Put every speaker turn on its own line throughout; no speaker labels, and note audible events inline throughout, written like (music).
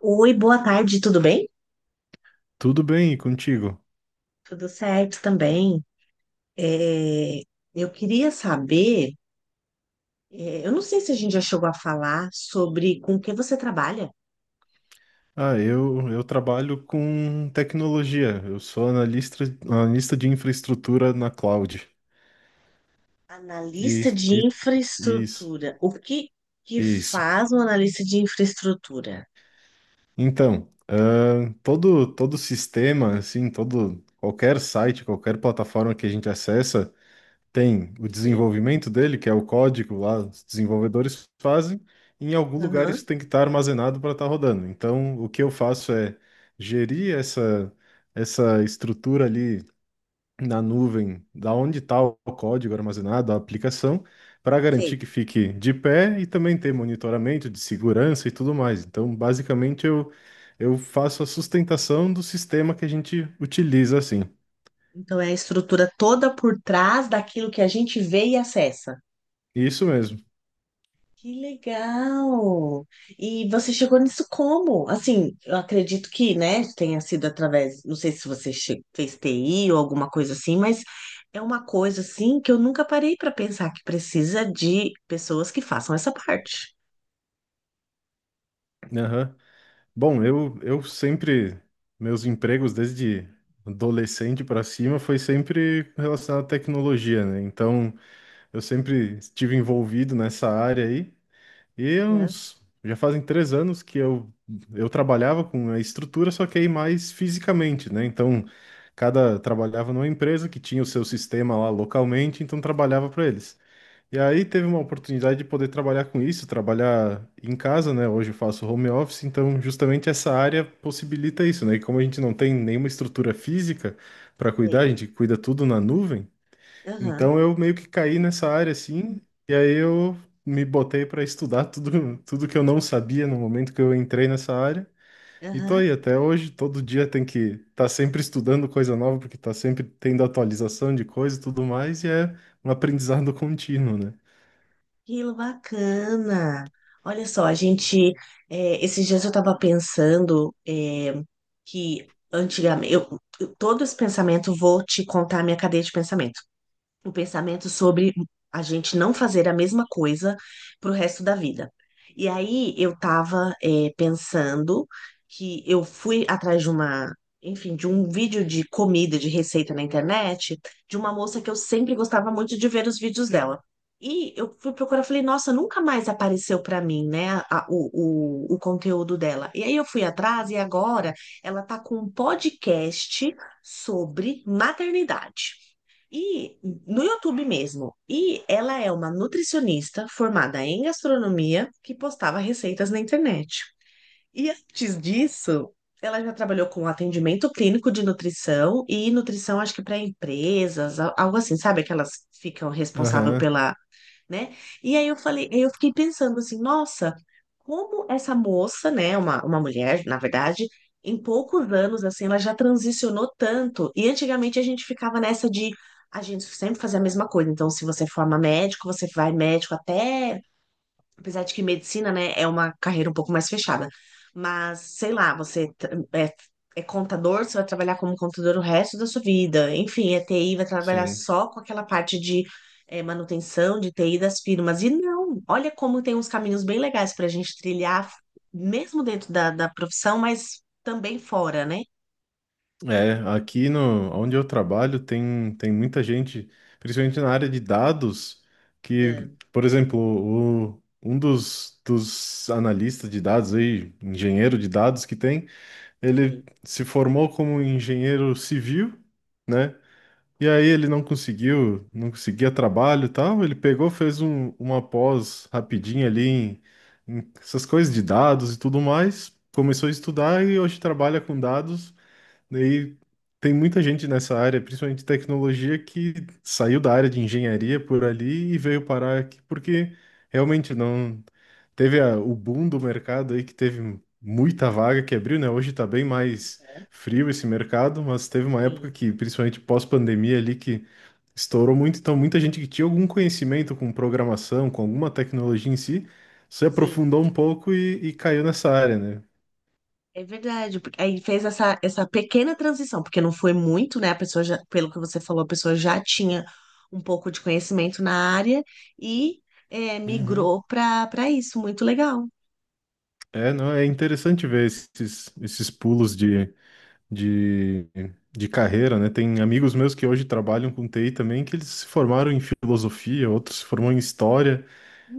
Oi, boa tarde, tudo bem?
Tudo bem e contigo?
Tudo certo também. É, eu queria saber, eu não sei se a gente já chegou a falar sobre com que você trabalha.
Ah, eu trabalho com tecnologia. Eu sou analista de infraestrutura na cloud. E,
Analista de
e isso,
infraestrutura. O que
isso.
faz um analista de infraestrutura?
Então, todo sistema, assim, todo qualquer site, qualquer plataforma que a gente acessa tem o
Sei.
desenvolvimento dele, que é o código lá, os desenvolvedores fazem, e em algum lugar isso
Aham,
tem que estar armazenado para estar rodando. Então, o que eu faço é gerir essa estrutura ali na nuvem, da onde está o código armazenado, a aplicação, para garantir
sei.
que fique de pé e também ter monitoramento de segurança e tudo mais. Então, basicamente, eu faço a sustentação do sistema que a gente utiliza assim.
Então é a estrutura toda por trás daquilo que a gente vê e acessa.
Isso mesmo.
Que legal! E você chegou nisso como? Assim, eu acredito que, né, tenha sido através, não sei se você che- fez TI ou alguma coisa assim, mas é uma coisa assim que eu nunca parei para pensar que precisa de pessoas que façam essa parte.
Aham. Bom, eu sempre, meus empregos desde adolescente para cima foi sempre relacionado à tecnologia, né? Então, eu sempre estive envolvido nessa área aí. E há
Né?
uns, já fazem 3 anos que eu trabalhava com a estrutura, só que aí mais fisicamente, né? Então, cada trabalhava numa empresa que tinha o seu sistema lá localmente, então trabalhava para eles. E aí teve uma oportunidade de poder trabalhar com isso, trabalhar em casa, né? Hoje eu faço home office, então justamente essa área possibilita isso, né? E como a gente não tem nenhuma estrutura física para cuidar,
Sei.
a gente cuida tudo na nuvem.
Aham,
Então eu meio que caí nessa área assim, e aí eu me botei para estudar tudo tudo que eu não sabia no momento que eu entrei nessa área. E tô
aham.
aí até hoje, todo dia tem que estar tá sempre estudando coisa nova, porque tá sempre tendo atualização de coisa e tudo mais, e é um aprendizado contínuo, né?
Que bacana. Olha só, a gente, esses dias eu estava pensando, que antigamente, todo esse pensamento, vou te contar a minha cadeia de pensamento. O pensamento sobre a gente não fazer a mesma coisa pro resto da vida. E aí eu tava, pensando que eu fui atrás enfim, de um vídeo de comida, de receita na internet, de uma moça que eu sempre gostava muito de ver os vídeos dela. E eu fui procurar, falei, nossa, nunca mais apareceu pra mim, né, a- o conteúdo dela. E aí eu fui atrás e agora ela tá com um podcast sobre maternidade. E no YouTube mesmo. E ela é uma nutricionista formada em gastronomia que postava receitas na internet. E antes disso, ela já trabalhou com atendimento clínico de nutrição e nutrição, acho que para empresas, al- algo assim, sabe? Que elas ficam responsável
Aham,
pela né? E aí eu falei, eu fiquei pensando assim, nossa, como essa moça, né, uma mulher, na verdade, em poucos anos, assim, ela já transicionou tanto. E antigamente a gente ficava nessa de a gente sempre fazer a mesma coisa. Então, se você forma médico, você vai médico até Apesar de que medicina, né, é uma carreira um pouco mais fechada. Mas, sei lá, você tra- é contador, você vai trabalhar como contador o resto da sua vida. Enfim, é TI, vai trabalhar
sim.
só com aquela parte de manutenção, de TI das firmas. E não, olha como tem uns caminhos bem legais para a gente trilhar, mesmo dentro da profissão, mas também fora, né?
É, aqui no, onde eu trabalho tem muita gente, principalmente na área de dados, que,
Ah,
por exemplo, um dos analistas de dados aí, engenheiro de dados que tem, ele
sim,
se formou como engenheiro civil, né? E aí ele não conseguiu, não conseguia trabalho e tal. Ele pegou, fez uma pós rapidinha ali em essas coisas de dados e tudo mais. Começou a estudar e hoje trabalha com dados. Daí tem muita gente nessa área, principalmente tecnologia, que saiu da área de engenharia por ali e veio parar aqui porque realmente não. Teve o boom do mercado aí que teve muita vaga que abriu, né? Hoje tá bem mais frio esse mercado, mas teve uma época
sim,
que, principalmente pós-pandemia ali, que estourou muito. Então, muita gente que tinha algum conhecimento com programação, com alguma tecnologia em si, se
sim.
aprofundou um pouco e caiu nessa área, né?
É verdade, porque aí fez essa pequena transição, porque não foi muito, né? A pessoa já, pelo que você falou, a pessoa já tinha um pouco de conhecimento na área e
Uhum.
migrou para isso. Muito legal.
É, não, é interessante ver esses pulos de, de carreira, né? Tem amigos meus que hoje trabalham com TI também, que eles se formaram em filosofia, outros se formaram em história.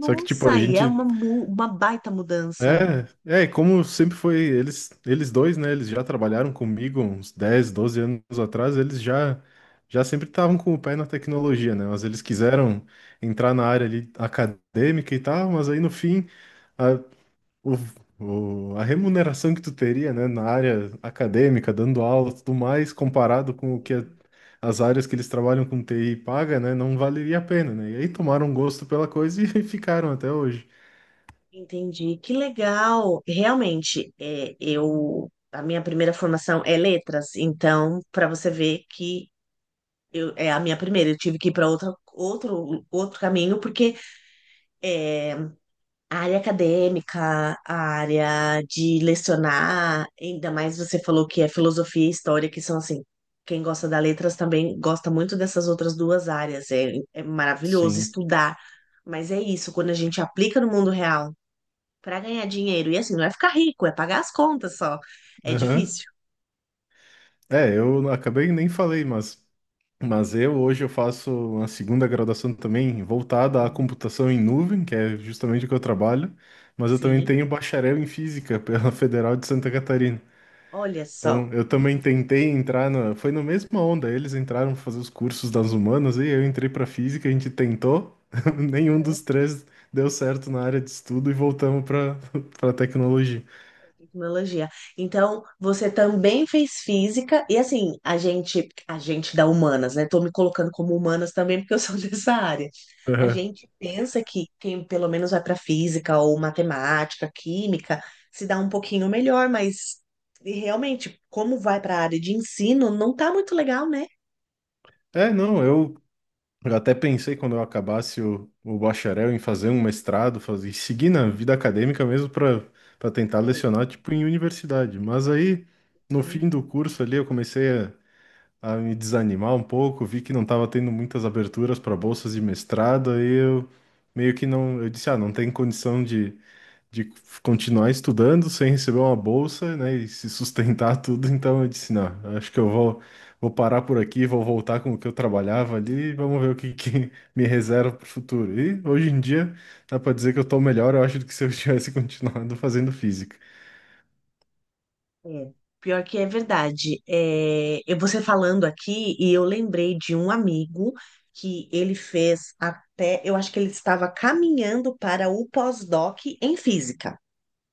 Só que, tipo, a
e é
gente.
uma, mu- uma baita mudança.
É, como sempre foi, eles dois, né? Eles já trabalharam comigo uns 10 12 anos atrás, eles já sempre estavam com o pé na tecnologia, né? Mas eles quiseram entrar na área ali acadêmica e tal, mas aí no fim, a, o, a remuneração que tu teria, né, na área acadêmica, dando aula e tudo mais, comparado com o que
Sim.
as áreas que eles trabalham com TI paga, né? Não valeria a pena, né? E aí tomaram gosto pela coisa e (laughs) ficaram até hoje.
Entendi, que legal. Realmente, é, eu a minha primeira formação é letras, então para você ver que eu, é a minha primeira, eu tive que ir para outra outro caminho porque é a área acadêmica, a área de lecionar, ainda mais você falou que é filosofia e história, que são assim, quem gosta da letras também gosta muito dessas outras duas áreas. É, é maravilhoso
Sim.
estudar, mas é isso, quando a gente aplica no mundo real para ganhar dinheiro, e assim, não é ficar rico, é pagar as contas só. É
Aham.
difícil.
É, eu acabei nem falei, mas eu hoje eu faço uma segunda graduação também voltada à
Uhum.
computação em nuvem, que é justamente o que eu trabalho, mas eu também
Sim,
tenho bacharel em física pela (laughs) Federal de Santa Catarina.
olha
Então,
só.
eu também tentei entrar foi na mesma onda, eles entraram pra fazer os cursos das humanas e eu entrei para física, a gente tentou, (laughs) nenhum dos três deu certo na área de estudo e voltamos para (laughs) tecnologia.
Tecnologia. Então, você também fez física, e assim, a gente da humanas, né? Tô me colocando como humanas também, porque eu (laughs) sou dessa área. A
Aham.
gente pensa que quem pelo menos vai para física ou matemática, química, se dá um pouquinho melhor, mas e realmente, como vai para a área de ensino, não tá muito legal, né?
É, não, Eu até pensei quando eu acabasse o bacharel em fazer um mestrado, seguir na vida acadêmica mesmo para tentar
Sei.
lecionar tipo em universidade. Mas aí no fim do curso ali eu comecei a me desanimar um pouco, vi que não estava tendo muitas aberturas para bolsas de mestrado, aí eu meio que não, eu disse, não tem condição de continuar estudando sem receber uma bolsa, né, e se sustentar (laughs) tudo. Então eu disse, não, eu acho que eu vou parar por aqui, vou voltar com o que eu trabalhava ali, e vamos ver o que, que me reserva para o futuro. E hoje em dia dá para dizer que eu estou melhor, eu acho, do que se eu tivesse (laughs) continuado fazendo física.
É, pior que é verdade. É, eu você falando aqui e eu lembrei de um amigo que ele fez até, eu acho que ele estava caminhando para o pós-doc em física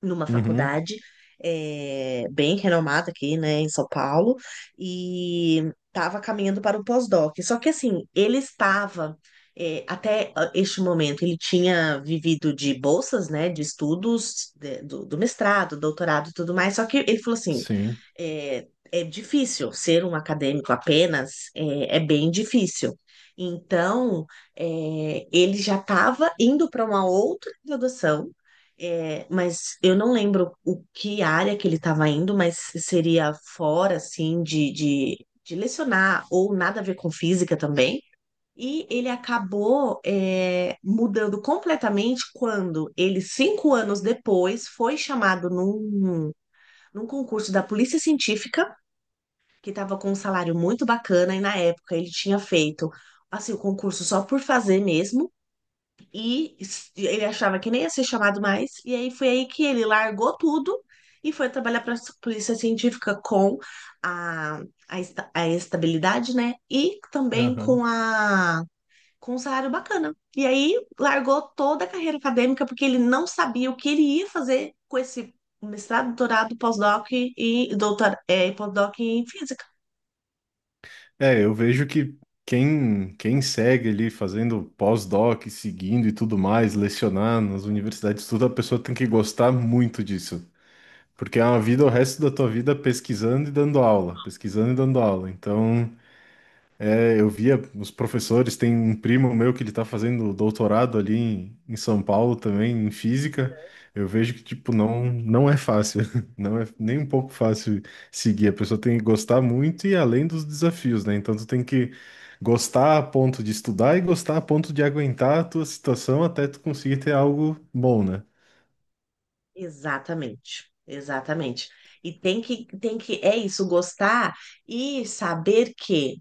numa
Uhum,
faculdade bem renomada aqui, né, em São Paulo, e estava caminhando para o pós-doc. Só que assim, ele estava até este momento ele tinha vivido de bolsas, né, de estudos de- do mestrado, doutorado, e tudo mais. Só que ele falou assim,
sim.
difícil ser um acadêmico apenas, é bem difícil. Então, ele já estava indo para uma outra graduação é, mas eu não lembro o que área que ele estava indo, mas seria fora, assim, de lecionar ou nada a ver com física também. E ele acabou, é, mudando completamente quando ele, 5 anos depois, foi chamado num concurso da Polícia Científica, que estava com um salário muito bacana, e na época ele tinha feito, assim, o concurso só por fazer mesmo e s- ele achava que nem ia ser chamado mais. E aí foi aí que ele largou tudo e foi trabalhar para a polícia científica com a, esta- a estabilidade, né? E também com
Aham.
a com um salário bacana. E aí largou toda a carreira acadêmica porque ele não sabia o que ele ia fazer com esse mestrado, doutorado, pós-doc e doutor, é, pós-doc em física.
É, eu vejo que quem segue ali fazendo pós-doc, seguindo e tudo mais, lecionar nas universidades, tudo, a pessoa tem que gostar muito disso. Porque é uma vida, o resto da tua vida pesquisando e dando aula, pesquisando e dando aula. Então, é, eu via os professores, tem um primo meu que ele está fazendo doutorado ali em São Paulo também, em física. Eu vejo que, tipo, não, não é fácil, (laughs) não é nem um pouco fácil seguir. A pessoa tem que gostar muito e além dos desafios, né? Então, tu tem que gostar a ponto de estudar e gostar a ponto de aguentar a tua situação até tu conseguir ter algo bom, né?
Exatamente, exatamente. E tem que, é isso, gostar e saber que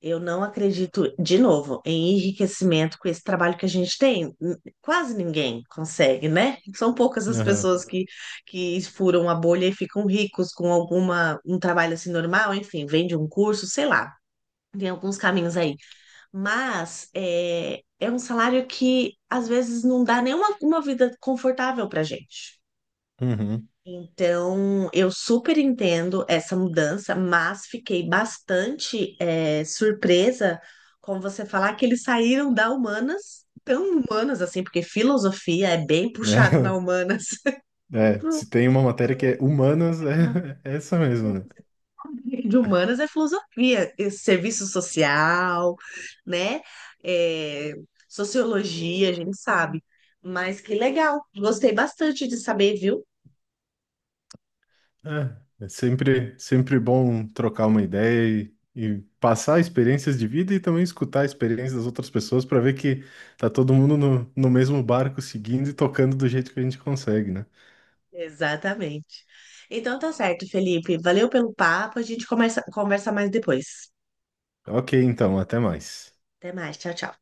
eu não acredito, de novo, em enriquecimento com esse trabalho que a gente tem. N- Quase ninguém consegue, né? São poucas as
Aham.
pessoas que furam a bolha e ficam ricos com alguma, um trabalho assim normal, enfim, vende um curso, sei lá. Tem alguns caminhos aí. Mas é um salário que às vezes não dá nenhuma uma vida confortável pra gente.
Uhum.
Então, eu super entendo essa mudança, mas fiquei bastante surpresa com você falar que eles saíram da humanas, tão humanas assim, porque filosofia é bem puxado na
(laughs)
humanas. (laughs)
É,
Pro-
se tem uma matéria que é humanas, é, (laughs) é essa mesmo, né?
De humanas é filosofia, e serviço social, né? Eh, sociologia, a gente sabe. Mas que legal, gostei bastante de saber, viu?
É, sempre, sempre bom trocar uma ideia e passar experiências de vida e também escutar a experiência das outras pessoas para ver que tá todo mundo no mesmo barco seguindo e tocando do jeito que a gente consegue, né?
Exatamente. Então tá certo, Felipe. Valeu pelo papo. A gente começa conversa mais depois.
Ok, então, até mais.
Até mais. Tchau, tchau.